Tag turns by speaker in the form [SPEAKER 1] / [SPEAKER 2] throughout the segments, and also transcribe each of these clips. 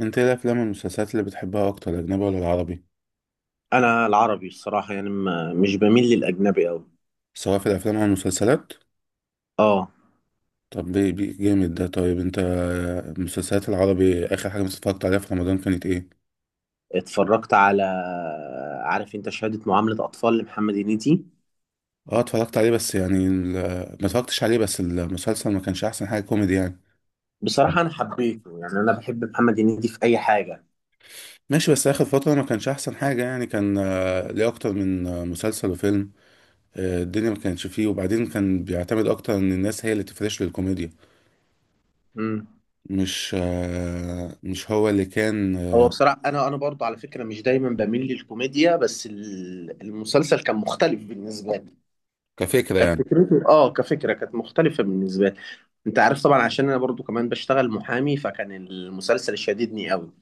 [SPEAKER 1] انت ايه الافلام والمسلسلات اللي بتحبها اكتر، الاجنبي ولا العربي؟
[SPEAKER 2] انا العربي الصراحه، يعني ما مش بميل للاجنبي قوي.
[SPEAKER 1] سواء في الافلام او المسلسلات.
[SPEAKER 2] اه.
[SPEAKER 1] طب بي بي جامد ده. طيب انت، المسلسلات العربي اخر حاجه مثلا اتفرجت عليها في رمضان كانت ايه؟
[SPEAKER 2] اتفرجت على... عارف انت شهاده معامله اطفال لمحمد هنيدي؟
[SPEAKER 1] اه اتفرجت عليه بس يعني ما اتفرجتش عليه. بس المسلسل ما كانش احسن حاجه كوميدي يعني.
[SPEAKER 2] بصراحه انا حبيته، يعني انا بحب محمد هنيدي في اي حاجه.
[SPEAKER 1] ماشي، بس اخر فتره ما كانش احسن حاجه يعني. كان ليه اكتر من مسلسل وفيلم الدنيا؟ ما كانش فيه، وبعدين كان بيعتمد اكتر ان الناس هي اللي تفرش للكوميديا،
[SPEAKER 2] امم
[SPEAKER 1] مش مش هو اللي كان.
[SPEAKER 2] هو بصراحه انا برضو على فكره مش دايما بميل للكوميديا، بس المسلسل كان مختلف بالنسبه لي.
[SPEAKER 1] كفكره
[SPEAKER 2] كانت
[SPEAKER 1] يعني.
[SPEAKER 2] فكرته، كفكره، كانت مختلفه بالنسبه لي. انت عارف طبعا، عشان انا برضو كمان بشتغل محامي، فكان المسلسل شاددني قوي.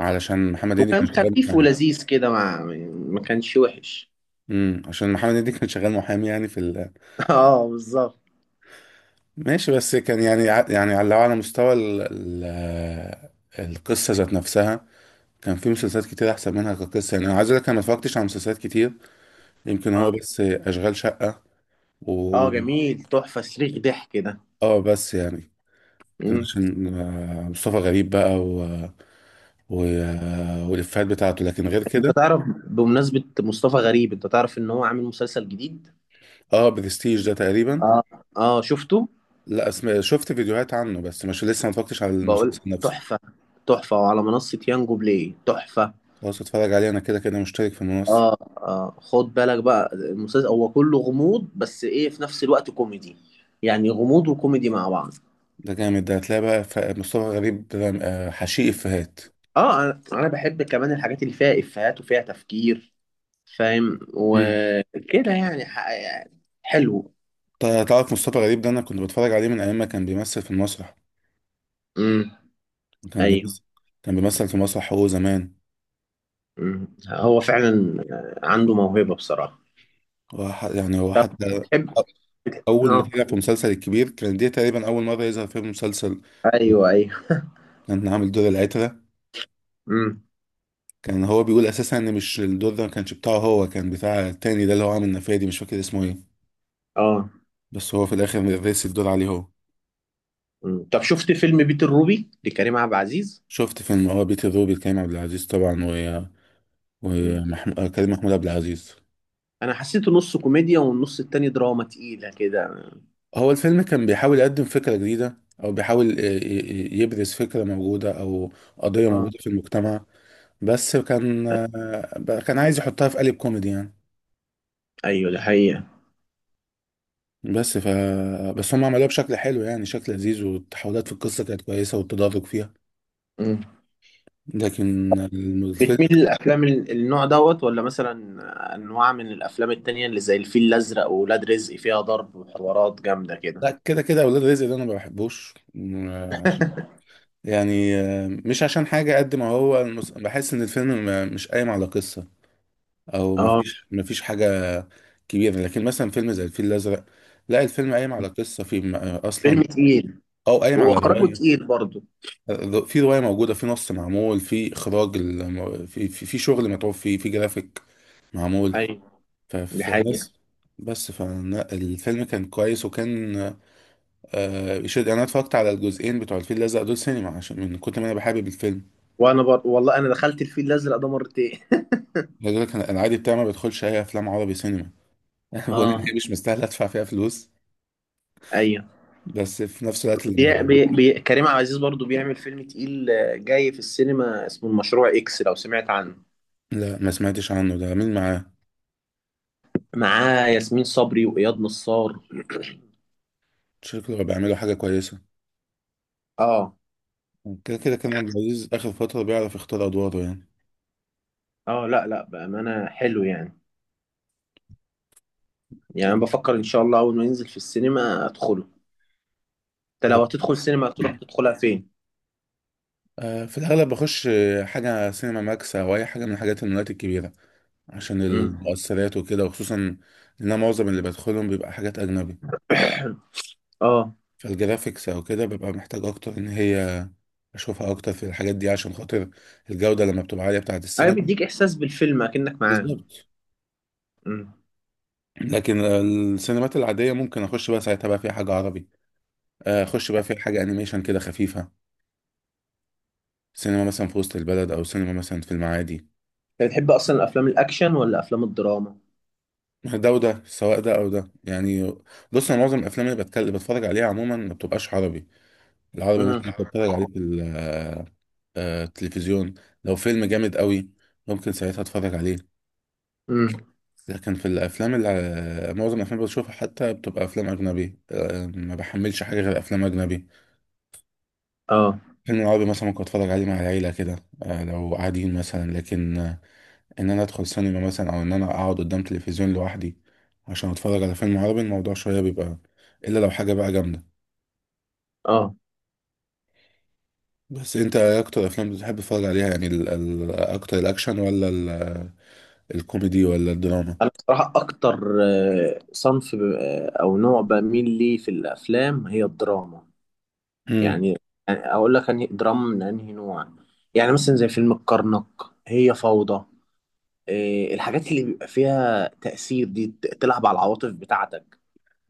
[SPEAKER 1] علشان محمد هنيدي كان
[SPEAKER 2] وكان
[SPEAKER 1] شغال
[SPEAKER 2] خفيف
[SPEAKER 1] محامي.
[SPEAKER 2] ولذيذ كده، ما كانش وحش.
[SPEAKER 1] امم، عشان محمد هنيدي كان شغال محامي يعني في ال...
[SPEAKER 2] اه، بالظبط.
[SPEAKER 1] ماشي، بس كان يعني يعني على، لو على مستوى ال... ال... القصه ذات نفسها. كان في مسلسلات كتير احسن منها كقصه. يعني انا عايز اقول لك انا ما اتفرجتش على مسلسلات كتير. يمكن هو
[SPEAKER 2] اه،
[SPEAKER 1] بس اشغال شقه، و
[SPEAKER 2] اه، جميل، تحفة صريخ ضحك ده.
[SPEAKER 1] اه بس يعني كان
[SPEAKER 2] مم.
[SPEAKER 1] عشان مصطفى غريب بقى، و... و... والافيهات بتاعته، لكن غير
[SPEAKER 2] انت
[SPEAKER 1] كده.
[SPEAKER 2] تعرف... بمناسبة مصطفى غريب، انت تعرف ان هو عامل مسلسل جديد؟
[SPEAKER 1] اه برستيج ده تقريبا.
[SPEAKER 2] اه، اه، شفته.
[SPEAKER 1] لا اسم... شفت فيديوهات عنه بس، مش لسه ما اتفرجتش على
[SPEAKER 2] بقول...
[SPEAKER 1] المسلسل نفسه.
[SPEAKER 2] تحفة. تحفة، وعلى منصة يانجو بلاي تحفة.
[SPEAKER 1] خلاص اتفرج عليه، انا كده كده مشترك في المنصة.
[SPEAKER 2] اه، اه، خد بالك بقى، المسلسل هو كله غموض بس ايه، في نفس الوقت كوميدي. يعني غموض وكوميدي مع بعض.
[SPEAKER 1] ده جامد ده. هتلاقي بقى مصطفى غريب حشيق افيهات.
[SPEAKER 2] اه، انا بحب كمان الحاجات اللي فيها افيهات وفيها تفكير. فاهم؟
[SPEAKER 1] مم.
[SPEAKER 2] وكده يعني, يعني حلو.
[SPEAKER 1] طيب، تعرف مصطفى غريب ده انا كنت بتفرج عليه من ايام ما كان بيمثل في المسرح؟
[SPEAKER 2] امم.
[SPEAKER 1] كان
[SPEAKER 2] ايوه.
[SPEAKER 1] بيمثل، كان بيمثل في مسرح هو زمان.
[SPEAKER 2] مم. هو فعلا عنده موهبة بصراحة.
[SPEAKER 1] هو يعني هو
[SPEAKER 2] طب...
[SPEAKER 1] حتى
[SPEAKER 2] تحب... بتحب-
[SPEAKER 1] اول ما
[SPEAKER 2] اه
[SPEAKER 1] طلع في مسلسل الكبير، كان دي تقريبا اول مرة يظهر في مسلسل.
[SPEAKER 2] ايوه، ايوه.
[SPEAKER 1] كان عامل دور العترة.
[SPEAKER 2] امم.
[SPEAKER 1] كان هو بيقول اساسا ان مش الدور ده ما كانش بتاعه، هو كان بتاع التاني ده اللي هو عامل نفادي، مش فاكر اسمه ايه.
[SPEAKER 2] اه.
[SPEAKER 1] بس هو في الاخر رسي الدور عليه هو.
[SPEAKER 2] مم. طب شفت فيلم بيت الروبي لكريم عبد العزيز؟
[SPEAKER 1] شفت فيلم اه بيت الروبي، كريم عبد العزيز طبعا، و
[SPEAKER 2] مم.
[SPEAKER 1] ومحمود، كريم محمود عبد العزيز.
[SPEAKER 2] انا حسيته نص كوميديا، والنص التاني دراما تقيلة كده.
[SPEAKER 1] هو الفيلم كان بيحاول يقدم فكرة جديدة، او بيحاول يبرز فكرة موجودة او قضية
[SPEAKER 2] اه،
[SPEAKER 1] موجودة في المجتمع. بس كان كان عايز يحطها في قالب كوميدي يعني.
[SPEAKER 2] ايوه، ده حقيقة.
[SPEAKER 1] بس ف بس هم عملوها بشكل حلو يعني، شكل لذيذ، والتحولات في القصة كانت كويسة والتدرج فيها.
[SPEAKER 2] مم.
[SPEAKER 1] لكن الفيلم،
[SPEAKER 2] بتميل للافلام النوع دوت ولا مثلا انواع من الافلام التانية اللي زي الفيل الازرق وولاد رزق، فيها ضرب وحوارات جامدة كده؟
[SPEAKER 1] لا كده كده اولاد رزق ده انا ما بحبوش. يعني مش عشان حاجة، قد ما هو المس... بحس إن الفيلم مش قايم على قصة، أو
[SPEAKER 2] اه،
[SPEAKER 1] مفيش حاجة كبيرة. لكن مثلا فيلم زي الفيل الأزرق، لا الفيلم قايم على قصة في أصلا،
[SPEAKER 2] فيلم تقيل.
[SPEAKER 1] أو قايم على
[SPEAKER 2] واخراجه
[SPEAKER 1] رواية.
[SPEAKER 2] تقيل برضه.
[SPEAKER 1] في رواية موجودة، في نص معمول، في إخراج في شغل متعوب فيه، في جرافيك معمول.
[SPEAKER 2] ايوه، دي حقيقة.
[SPEAKER 1] فالناس، بس فالفيلم كان كويس، وكان يشد. أنا اتفرجت على الجزئين بتوع الفيل الأزرق دول سينما، عشان من كتر ما أنا بحابب الفيلم.
[SPEAKER 2] والله انا دخلت الفيل الازرق ده مرتين
[SPEAKER 1] عايز اقول لك انا، أنا عادي بتاعي ما بدخلش اي افلام عربي سينما. انا بقول ان
[SPEAKER 2] اه،
[SPEAKER 1] هي مش مستاهله ادفع فيها فلوس،
[SPEAKER 2] ايوه.
[SPEAKER 1] بس في نفس الوقت لما،
[SPEAKER 2] بي... بي... كريم عبد العزيز برضو بيعمل فيلم تقيل جاي في السينما اسمه المشروع اكس، لو سمعت عنه؟
[SPEAKER 1] لا ما سمعتش عنه، ده مين معاه؟
[SPEAKER 2] معاه ياسمين صبري واياد نصار.
[SPEAKER 1] شكله بيعملوا حاجه كويسه.
[SPEAKER 2] اه،
[SPEAKER 1] كده كده كان عبد العزيز اخر فتره بيعرف يختار ادواره يعني.
[SPEAKER 2] اه، لا لا، بامانه حلو يعني. يعني أنا
[SPEAKER 1] بس
[SPEAKER 2] بفكر ان شاء الله اول ما ينزل في السينما ادخله. انت
[SPEAKER 1] هو
[SPEAKER 2] لو هتدخل سينما تروح تدخلها فين؟
[SPEAKER 1] في الاغلب بخش حاجه سينما ماكس، او اي حاجه من حاجات المولات الكبيره، عشان
[SPEAKER 2] امم.
[SPEAKER 1] المؤثرات وكده، وخصوصا ان أنا معظم اللي بدخلهم بيبقى حاجات اجنبي.
[SPEAKER 2] اه.
[SPEAKER 1] فالجرافيكس او كده ببقى محتاج اكتر ان هي اشوفها اكتر في الحاجات دي، عشان خاطر الجودة لما بتبقى عالية بتاعة
[SPEAKER 2] ايوه،
[SPEAKER 1] السينما.
[SPEAKER 2] بيديك احساس بالفيلم اكنك معاهم.
[SPEAKER 1] بالظبط.
[SPEAKER 2] امم.
[SPEAKER 1] لكن السينمات العادية ممكن اخش بقى ساعتها بقى في حاجة عربي، اخش بقى في حاجة انيميشن كده خفيفة. سينما مثلا في وسط البلد، او سينما مثلا في المعادي.
[SPEAKER 2] انت بتحب اصلا الافلام الاكشن ولا افلام الدراما؟
[SPEAKER 1] ده وده، سواء ده او ده يعني. بص، انا معظم الافلام اللي بتكلم بتفرج عليها عموما ما بتبقاش عربي. العربي
[SPEAKER 2] امم.
[SPEAKER 1] مثلا بتفرج عليه في التلفزيون. لو فيلم جامد قوي، ممكن ساعتها اتفرج عليه.
[SPEAKER 2] امم.
[SPEAKER 1] لكن في الافلام، اللي معظم الافلام اللي بشوفها حتى بتبقى افلام اجنبي. ما بحملش حاجه غير افلام اجنبي.
[SPEAKER 2] اه.
[SPEAKER 1] فيلم عربي مثلا ممكن اتفرج عليه مع العيله كده، لو قاعدين مثلا. لكن ان انا ادخل سينما مثلا، او ان انا اقعد قدام تلفزيون لوحدي عشان اتفرج على فيلم عربي، الموضوع شويه بيبقى، الا لو حاجه بقى جامده.
[SPEAKER 2] اه،
[SPEAKER 1] بس انت إيه اكتر افلام بتحب تتفرج عليها يعني، ال ال اكتر الاكشن ولا ال الكوميدي ولا الدراما؟
[SPEAKER 2] انا بصراحه اكتر صنف او نوع بميل ليه في الافلام هي الدراما.
[SPEAKER 1] امم.
[SPEAKER 2] يعني... يعني اقول لك انهي دراما من انهي نوع. يعني مثلا زي فيلم الكرنك. هي فوضى. الحاجات اللي بيبقى فيها تأثير دي تلعب على العواطف بتاعتك.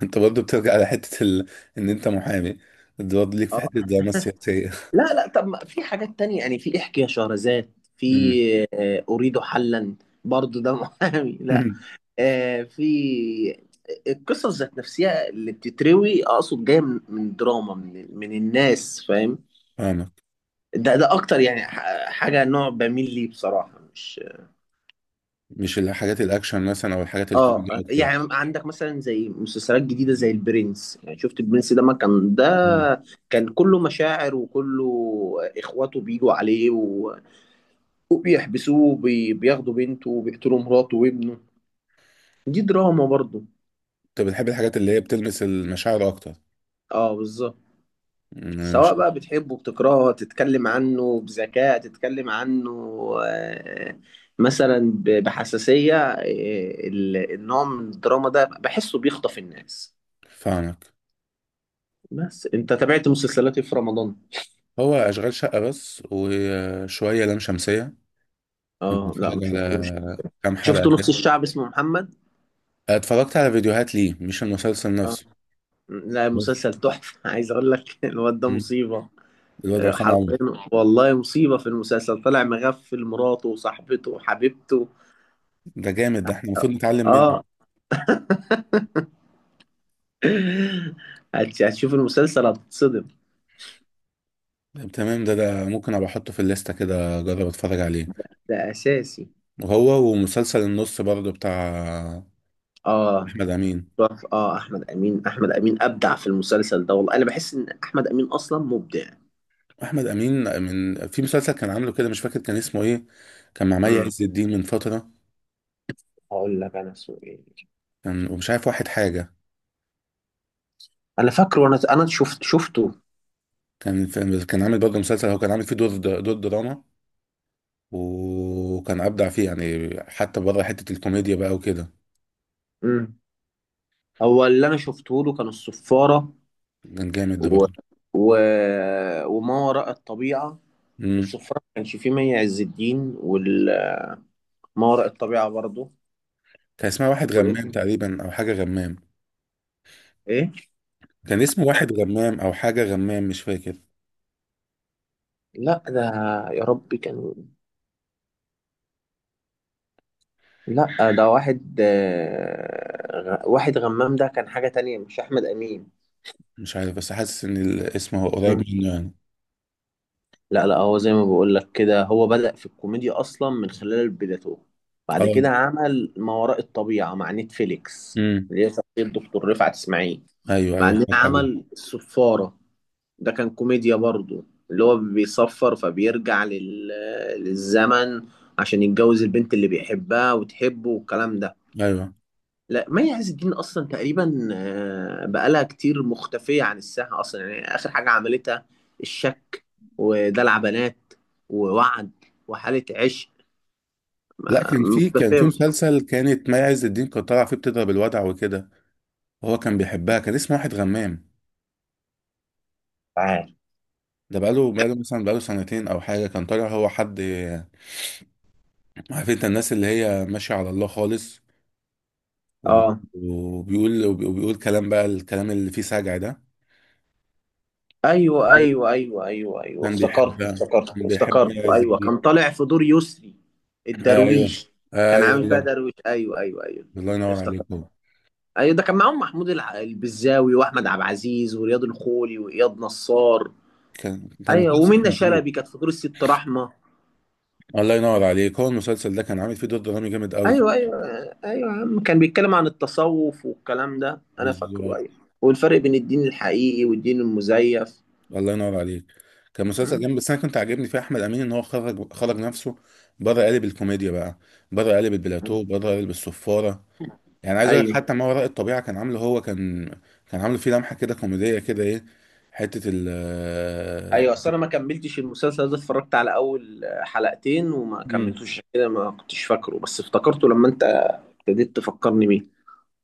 [SPEAKER 1] انت برضه بترجع على حته ال... ان انت محامي، برضه ليك في
[SPEAKER 2] اه،
[SPEAKER 1] حته الدراما السياسيه.
[SPEAKER 2] لا لا، طب ما في حاجات تانية يعني، في احكي يا شهرزاد، في اريد حلا. برضه ده محامي لا.
[SPEAKER 1] مم.
[SPEAKER 2] في... القصص ذات نفسها اللي بتتروي، اقصد جايه من دراما من الناس، فاهم؟
[SPEAKER 1] فاهمك.
[SPEAKER 2] ده اكتر يعني، حاجه نوع بميل ليه بصراحه، مش...
[SPEAKER 1] مش الحاجات الاكشن مثلا او الحاجات
[SPEAKER 2] اه،
[SPEAKER 1] الكوميدي اكتر؟
[SPEAKER 2] يعني عندك مثلا زي مسلسلات جديده زي البرنس، يعني شفت البرنس ده؟ ما كان ده
[SPEAKER 1] مم.
[SPEAKER 2] كان كله مشاعر، وكله اخواته بيجوا عليه و-... وبيحبسوه، بياخدوا بنته، وبيقتلوا مراته وابنه. دي دراما برضه.
[SPEAKER 1] انت بتحب الحاجات اللي هي بتلمس المشاعر اكتر،
[SPEAKER 2] اه، بالظبط.
[SPEAKER 1] مم، مش
[SPEAKER 2] سواء بقى بتحبه، بتكرهه، تتكلم عنه بذكاء، تتكلم عنه آه، مثلا بحساسية، النوع من الدراما ده بحسه بيخطف الناس.
[SPEAKER 1] فاهمك؟
[SPEAKER 2] بس انت تابعت مسلسلاتي في رمضان؟
[SPEAKER 1] هو اشغال شقه بس، وشويه لام شمسيه. كنت
[SPEAKER 2] اه، لا، ما
[SPEAKER 1] بتفرج
[SPEAKER 2] شفتوش.
[SPEAKER 1] على كام
[SPEAKER 2] شفت
[SPEAKER 1] حلقه
[SPEAKER 2] نص
[SPEAKER 1] كده.
[SPEAKER 2] الشعب اسمه محمد.
[SPEAKER 1] اتفرجت على فيديوهات ليه، مش المسلسل
[SPEAKER 2] اه،
[SPEAKER 1] نفسه.
[SPEAKER 2] لا،
[SPEAKER 1] بس
[SPEAKER 2] مسلسل تحفة عايز اقول لك الواد ده
[SPEAKER 1] مم.
[SPEAKER 2] مصيبة.
[SPEAKER 1] الواد عصام
[SPEAKER 2] حرفيا.
[SPEAKER 1] عمر،
[SPEAKER 2] والله مصيبة، في المسلسل طلع مغفل مراته وصاحبته وحبيبته.
[SPEAKER 1] ده جامد ده، احنا المفروض نتعلم منه.
[SPEAKER 2] اه هتشوف المسلسل هتتصدم.
[SPEAKER 1] طب تمام، ده ده ممكن ابقى احطه في الليسته كده، اجرب اتفرج عليه.
[SPEAKER 2] ده اساسي.
[SPEAKER 1] هو ومسلسل النص برضه بتاع
[SPEAKER 2] اه،
[SPEAKER 1] احمد امين.
[SPEAKER 2] تحفة. اه، احمد امين، احمد امين ابدع في المسلسل ده، والله انا بحس ان احمد امين اصلا مبدع.
[SPEAKER 1] احمد امين من في مسلسل كان عامله كده، مش فاكر كان اسمه ايه. كان مع مي
[SPEAKER 2] امم.
[SPEAKER 1] عز الدين من فتره.
[SPEAKER 2] هقول لك انا اسمه ايه.
[SPEAKER 1] كان، ومش عارف واحد حاجه.
[SPEAKER 2] انا فاكره، وانا شفته.
[SPEAKER 1] كان في... كان عامل برضه مسلسل هو، كان عامل فيه دور دور دراما. وكان ابدع فيه يعني، حتى بره حته الكوميديا بقى وكده.
[SPEAKER 2] امم. هو اللي انا شفته له كان الصفاره.
[SPEAKER 1] كان جامد ده
[SPEAKER 2] و...
[SPEAKER 1] برضه.
[SPEAKER 2] و... وما وراء الطبيعه.
[SPEAKER 1] امم.
[SPEAKER 2] الصفاره ما كانش فيه مي عز الدين، وما وراء الطبيعه برضه.
[SPEAKER 1] كان اسمها واحد
[SPEAKER 2] وايه
[SPEAKER 1] غمام
[SPEAKER 2] تاني؟
[SPEAKER 1] تقريبا، او حاجه غمام.
[SPEAKER 2] إيه؟
[SPEAKER 1] كان اسمه واحد غمام، او حاجه غمام، مش فاكر.
[SPEAKER 2] لا، ده... يا ربي كان... لا، ده واحد واحد غمام، ده كان حاجة تانية مش أحمد أمين.
[SPEAKER 1] مش عارف، بس حاسس ان الاسم هو قريب
[SPEAKER 2] مم.
[SPEAKER 1] منه يعني.
[SPEAKER 2] لا لا، هو زي ما بقول لك كده، هو بدأ في الكوميديا أصلا من خلال بدايته. بعد
[SPEAKER 1] اه.
[SPEAKER 2] كده عمل ما وراء الطبيعة مع نتفليكس.
[SPEAKER 1] امم.
[SPEAKER 2] اللي هي شخصية دكتور رفعت إسماعيل.
[SPEAKER 1] ايوه ايوه،
[SPEAKER 2] بعدين
[SPEAKER 1] فاكر عليه.
[SPEAKER 2] عمل الصفارة. ده كان كوميديا برضو. اللي هو بيصفر فبيرجع لل... للزمن، عشان يتجوز البنت اللي بيحبها وتحبه والكلام ده.
[SPEAKER 1] ايوه.
[SPEAKER 2] لا، مي عز الدين اصلا تقريبا بقالها كتير مختفيه عن الساحه اصلا، يعني اخر حاجه عملتها... الشك. ودلع بنات. ووعد. وحاله عشق.
[SPEAKER 1] لا كان في، كان
[SPEAKER 2] مختفيه،
[SPEAKER 1] في
[SPEAKER 2] مش
[SPEAKER 1] مسلسل كانت مي عز الدين كانت طالعه فيه بتضرب الوضع وكده، وهو كان بيحبها. كان اسمه واحد غمام.
[SPEAKER 2] عارف.
[SPEAKER 1] ده بقاله، بقاله مثلا بقاله سنتين او حاجه. كان طالع هو، حد عارف انت الناس اللي هي ماشيه على الله خالص، و-
[SPEAKER 2] اه،
[SPEAKER 1] وبيقول، وبيقول كلام بقى، الكلام اللي فيه سجع ده.
[SPEAKER 2] ايوه ايوه ايوه ايوه ايوه،
[SPEAKER 1] كان
[SPEAKER 2] افتكرت،
[SPEAKER 1] بيحبها،
[SPEAKER 2] افتكرت،
[SPEAKER 1] كان بيحب
[SPEAKER 2] افتكرت،
[SPEAKER 1] مي عز
[SPEAKER 2] ايوه،
[SPEAKER 1] الدين.
[SPEAKER 2] كان طالع في دور يسري
[SPEAKER 1] ايوه.
[SPEAKER 2] الدرويش. كان
[SPEAKER 1] ايوه
[SPEAKER 2] عامل فيها
[SPEAKER 1] والله.
[SPEAKER 2] درويش، ايوه ايوه ايوه.
[SPEAKER 1] الله ينور عليك.
[SPEAKER 2] افتكرت.
[SPEAKER 1] هو
[SPEAKER 2] ايوه، ده كان معاهم محمود البزاوي، واحمد عبد العزيز، ورياض الخولي، واياد نصار.
[SPEAKER 1] كان، كان
[SPEAKER 2] ايوه،
[SPEAKER 1] مسلسل
[SPEAKER 2] ومنة
[SPEAKER 1] كان تقيل.
[SPEAKER 2] شلبي كانت في دور الست رحمه.
[SPEAKER 1] الله ينور عليك. هو المسلسل ده كان عامل فيه دور درامي جامد قوي.
[SPEAKER 2] ايوه، ايوه. ايوه يا عم، كان بيتكلم عن التصوف والكلام ده، انا فاكره، ايوه.
[SPEAKER 1] بالظبط.
[SPEAKER 2] والفرق بين الدين الحقيقي والدين المزيف.
[SPEAKER 1] الله ينور عليك. كان مسلسل
[SPEAKER 2] مم.
[SPEAKER 1] جامد. بس انا كنت عاجبني في احمد امين ان هو خرج، خرج نفسه بره قالب الكوميديا بقى، بره قالب البلاتو، بره قالب الصفاره. يعني عايز اقول لك
[SPEAKER 2] ايوه،
[SPEAKER 1] حتى ما وراء الطبيعه كان عامله هو، كان كان عامله فيه لمحه كده كوميديه كده، ايه، حته ال.
[SPEAKER 2] ايوه، اصل انا ما كملتش المسلسل ده، اتفرجت على اول حلقتين وما
[SPEAKER 1] امم.
[SPEAKER 2] كملتوش، عشان كده ما كنتش فاكره، بس افتكرته لما انت ابتديت تفكرني بيه.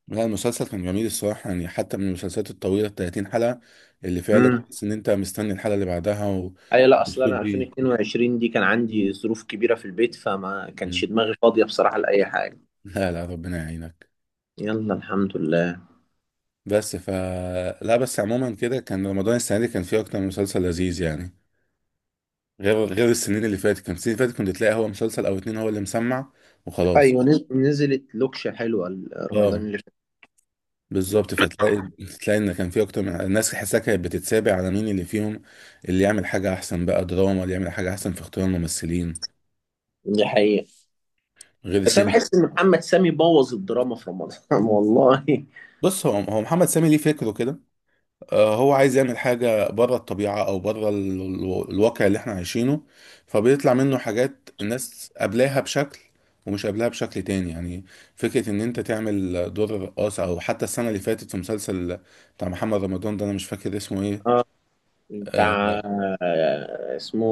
[SPEAKER 1] لا المسلسل كان جميل الصراحه يعني، حتى من المسلسلات الطويله ال 30 حلقه، اللي فعلا
[SPEAKER 2] امم.
[SPEAKER 1] تحس ان انت مستني الحلقه اللي بعدها
[SPEAKER 2] ايوه، لا، اصل
[SPEAKER 1] ومبسوط
[SPEAKER 2] انا
[SPEAKER 1] بيه.
[SPEAKER 2] 2022 دي كان عندي ظروف كبيره في البيت، فما كانش
[SPEAKER 1] مم.
[SPEAKER 2] دماغي فاضيه بصراحه لاي حاجه.
[SPEAKER 1] لا لا، ربنا يعينك.
[SPEAKER 2] يلا الحمد لله.
[SPEAKER 1] بس ف لا، بس عموما كده كان رمضان السنه دي كان فيه اكتر من مسلسل لذيذ يعني، غير، غير السنين اللي فاتت. كان السنين اللي فاتت كنت تلاقي هو مسلسل او اتنين هو اللي مسمع وخلاص.
[SPEAKER 2] ايوه، نزلت لوكشه حلوه رمضان
[SPEAKER 1] اه
[SPEAKER 2] اللي فات.
[SPEAKER 1] بالظبط. فتلاقي، تلاقي ان كان فيه اكتر من الناس تحسها كانت بتتسابق على مين اللي فيهم اللي يعمل حاجه احسن بقى دراما، اللي يعمل حاجه احسن في اختيار الممثلين،
[SPEAKER 2] دي حقيقة،
[SPEAKER 1] غير
[SPEAKER 2] بس انا
[SPEAKER 1] السنين.
[SPEAKER 2] بحس ان محمد سامي بوظ الدراما في رمضان والله.
[SPEAKER 1] بص هو، هو محمد سامي ليه فكره كده. هو عايز يعمل حاجة بره الطبيعة أو بره الواقع اللي احنا عايشينه، فبيطلع منه حاجات الناس قابلاها بشكل ومش قابلاها بشكل تاني يعني. فكرة إن أنت تعمل دور الرقاص، أو حتى السنة اللي فاتت في مسلسل بتاع محمد رمضان ده، أنا مش فاكر اسمه إيه.
[SPEAKER 2] اه،
[SPEAKER 1] آه،
[SPEAKER 2] بتاع... اسمه...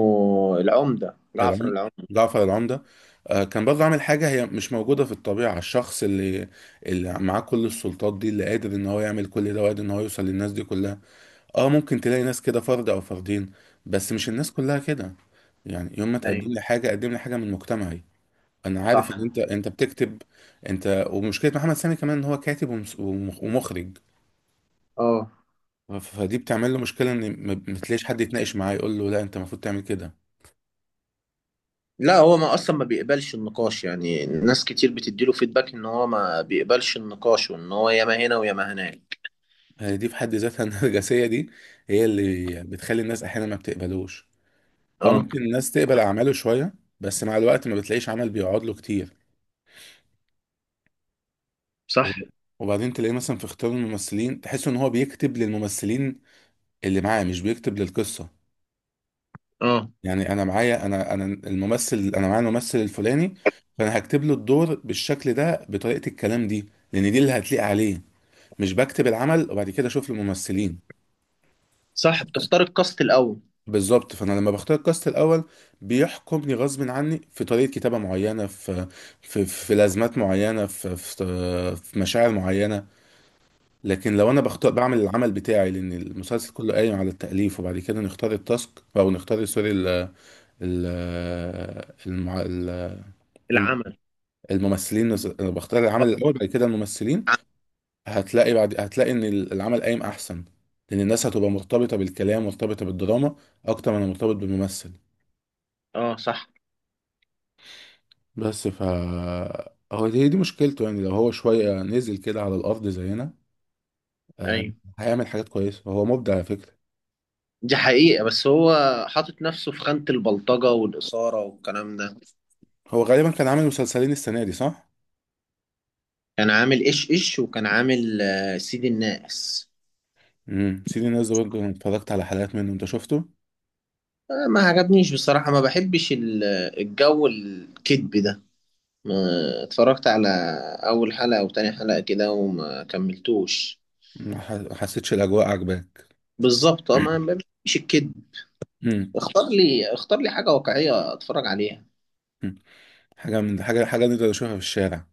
[SPEAKER 2] العمده، جعفر
[SPEAKER 1] العم-
[SPEAKER 2] العمده.
[SPEAKER 1] جعفر العمدة. كان برضه عامل حاجة هي مش موجودة في الطبيعة، الشخص اللي، اللي معاه كل السلطات دي، اللي قادر إن هو يعمل كل ده، وقادر إن هو يوصل للناس دي كلها. اه ممكن تلاقي ناس كده فرد او فردين، بس مش الناس كلها كده. يعني يوم ما
[SPEAKER 2] ايوه،
[SPEAKER 1] تقدم لي حاجه، قدم لي حاجه من مجتمعي. انا عارف ان
[SPEAKER 2] صح.
[SPEAKER 1] انت، انت بتكتب. انت ومشكله محمد سامي كمان ان هو كاتب ومخرج،
[SPEAKER 2] اه،
[SPEAKER 1] فدي بتعمل له مشكله ان ما تلاقيش حد يتناقش معاه يقول له لا انت المفروض تعمل كده.
[SPEAKER 2] لا، هو ما اصلا ما بيقبلش النقاش، يعني ناس كتير بتديله فيدباك ان هو ما بيقبلش النقاش، وان هو ياما هنا وياما هناك.
[SPEAKER 1] هي دي في حد ذاتها النرجسيه دي هي اللي بتخلي الناس احيانا ما بتقبلوش. اه
[SPEAKER 2] اه.
[SPEAKER 1] ممكن الناس تقبل اعماله شويه، بس مع الوقت ما بتلاقيش عمل بيقعد له كتير.
[SPEAKER 2] صح.
[SPEAKER 1] وب- وبعدين تلاقيه مثلا في اختيار الممثلين تحس ان هو بيكتب للممثلين اللي معاه، مش بيكتب للقصه.
[SPEAKER 2] اه،
[SPEAKER 1] يعني انا معايا انا، انا الممثل، انا معايا الممثل الفلاني، فانا هكتب له الدور بالشكل ده بطريقه الكلام دي، لان دي اللي هتليق عليه، مش بكتب العمل وبعد كده اشوف الممثلين.
[SPEAKER 2] صح، بتختار الكاست الاول.
[SPEAKER 1] بالظبط. فانا لما بختار الكاست الاول، بيحكمني غصب عني في طريقه كتابه معينه، في لازمات معينه، في مشاعر معينه. لكن لو انا بختار، بعمل العمل بتاعي، لان المسلسل كله قايم على التأليف، وبعد كده نختار التاسك، او نختار سوري ال ال المع- ال-
[SPEAKER 2] العمل.
[SPEAKER 1] الممثلين. انا بختار العمل الاول، بعد كده الممثلين.
[SPEAKER 2] اه،
[SPEAKER 1] هتلاقي بعد، هتلاقي ان العمل قايم احسن، لان الناس هتبقى مرتبطة بالكلام، مرتبطة بالدراما اكتر من مرتبط بالممثل.
[SPEAKER 2] اه، صح.
[SPEAKER 1] بس ف هو دي مشكلته يعني. لو هو شوية نزل كده على الارض زينا، آه،
[SPEAKER 2] ايوه،
[SPEAKER 1] هيعمل حاجات كويسة، هو مبدع على فكرة.
[SPEAKER 2] دي حقيقة، بس هو حاطط نفسه في خانة البلطجة والإثارة والكلام ده.
[SPEAKER 1] هو غالبا كان عامل مسلسلين السنة دي صح؟
[SPEAKER 2] كان عامل إيش إيش، وكان عامل سيد الناس.
[SPEAKER 1] امم، سيدي الناس ده برضه اتفرجت على حلقات منه، انت شفته؟
[SPEAKER 2] ما عجبنيش بصراحة، ما بحبش الجو الكذب ده. ما... اتفرجت على أول حلقة أو تاني حلقة كده، وما كملتوش.
[SPEAKER 1] ما حسيتش الاجواء عجباك؟
[SPEAKER 2] بالظبط، اه، ما بحبش الكذب.
[SPEAKER 1] امم.
[SPEAKER 2] اختار لي، اختار لي حاجة واقعية اتفرج عليها.
[SPEAKER 1] أمم. حاجه من حاجه، حاجه نقدر نشوفها في الشارع.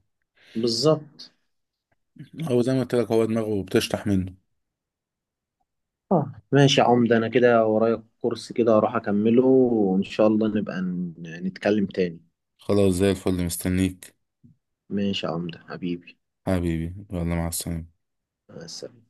[SPEAKER 2] بالظبط.
[SPEAKER 1] هو زي ما قلت لك، هو دماغه بتشطح منه.
[SPEAKER 2] اه، ماشي يا عمده، انا كده ورايا كورس كده اروح اكمله، وان شاء الله نبقى نتكلم تاني.
[SPEAKER 1] خلاص زي الفل، مستنيك.
[SPEAKER 2] ماشي يا عمدة حبيبي.
[SPEAKER 1] حبيبي، يلا مع السلامه.
[SPEAKER 2] مع السلامة.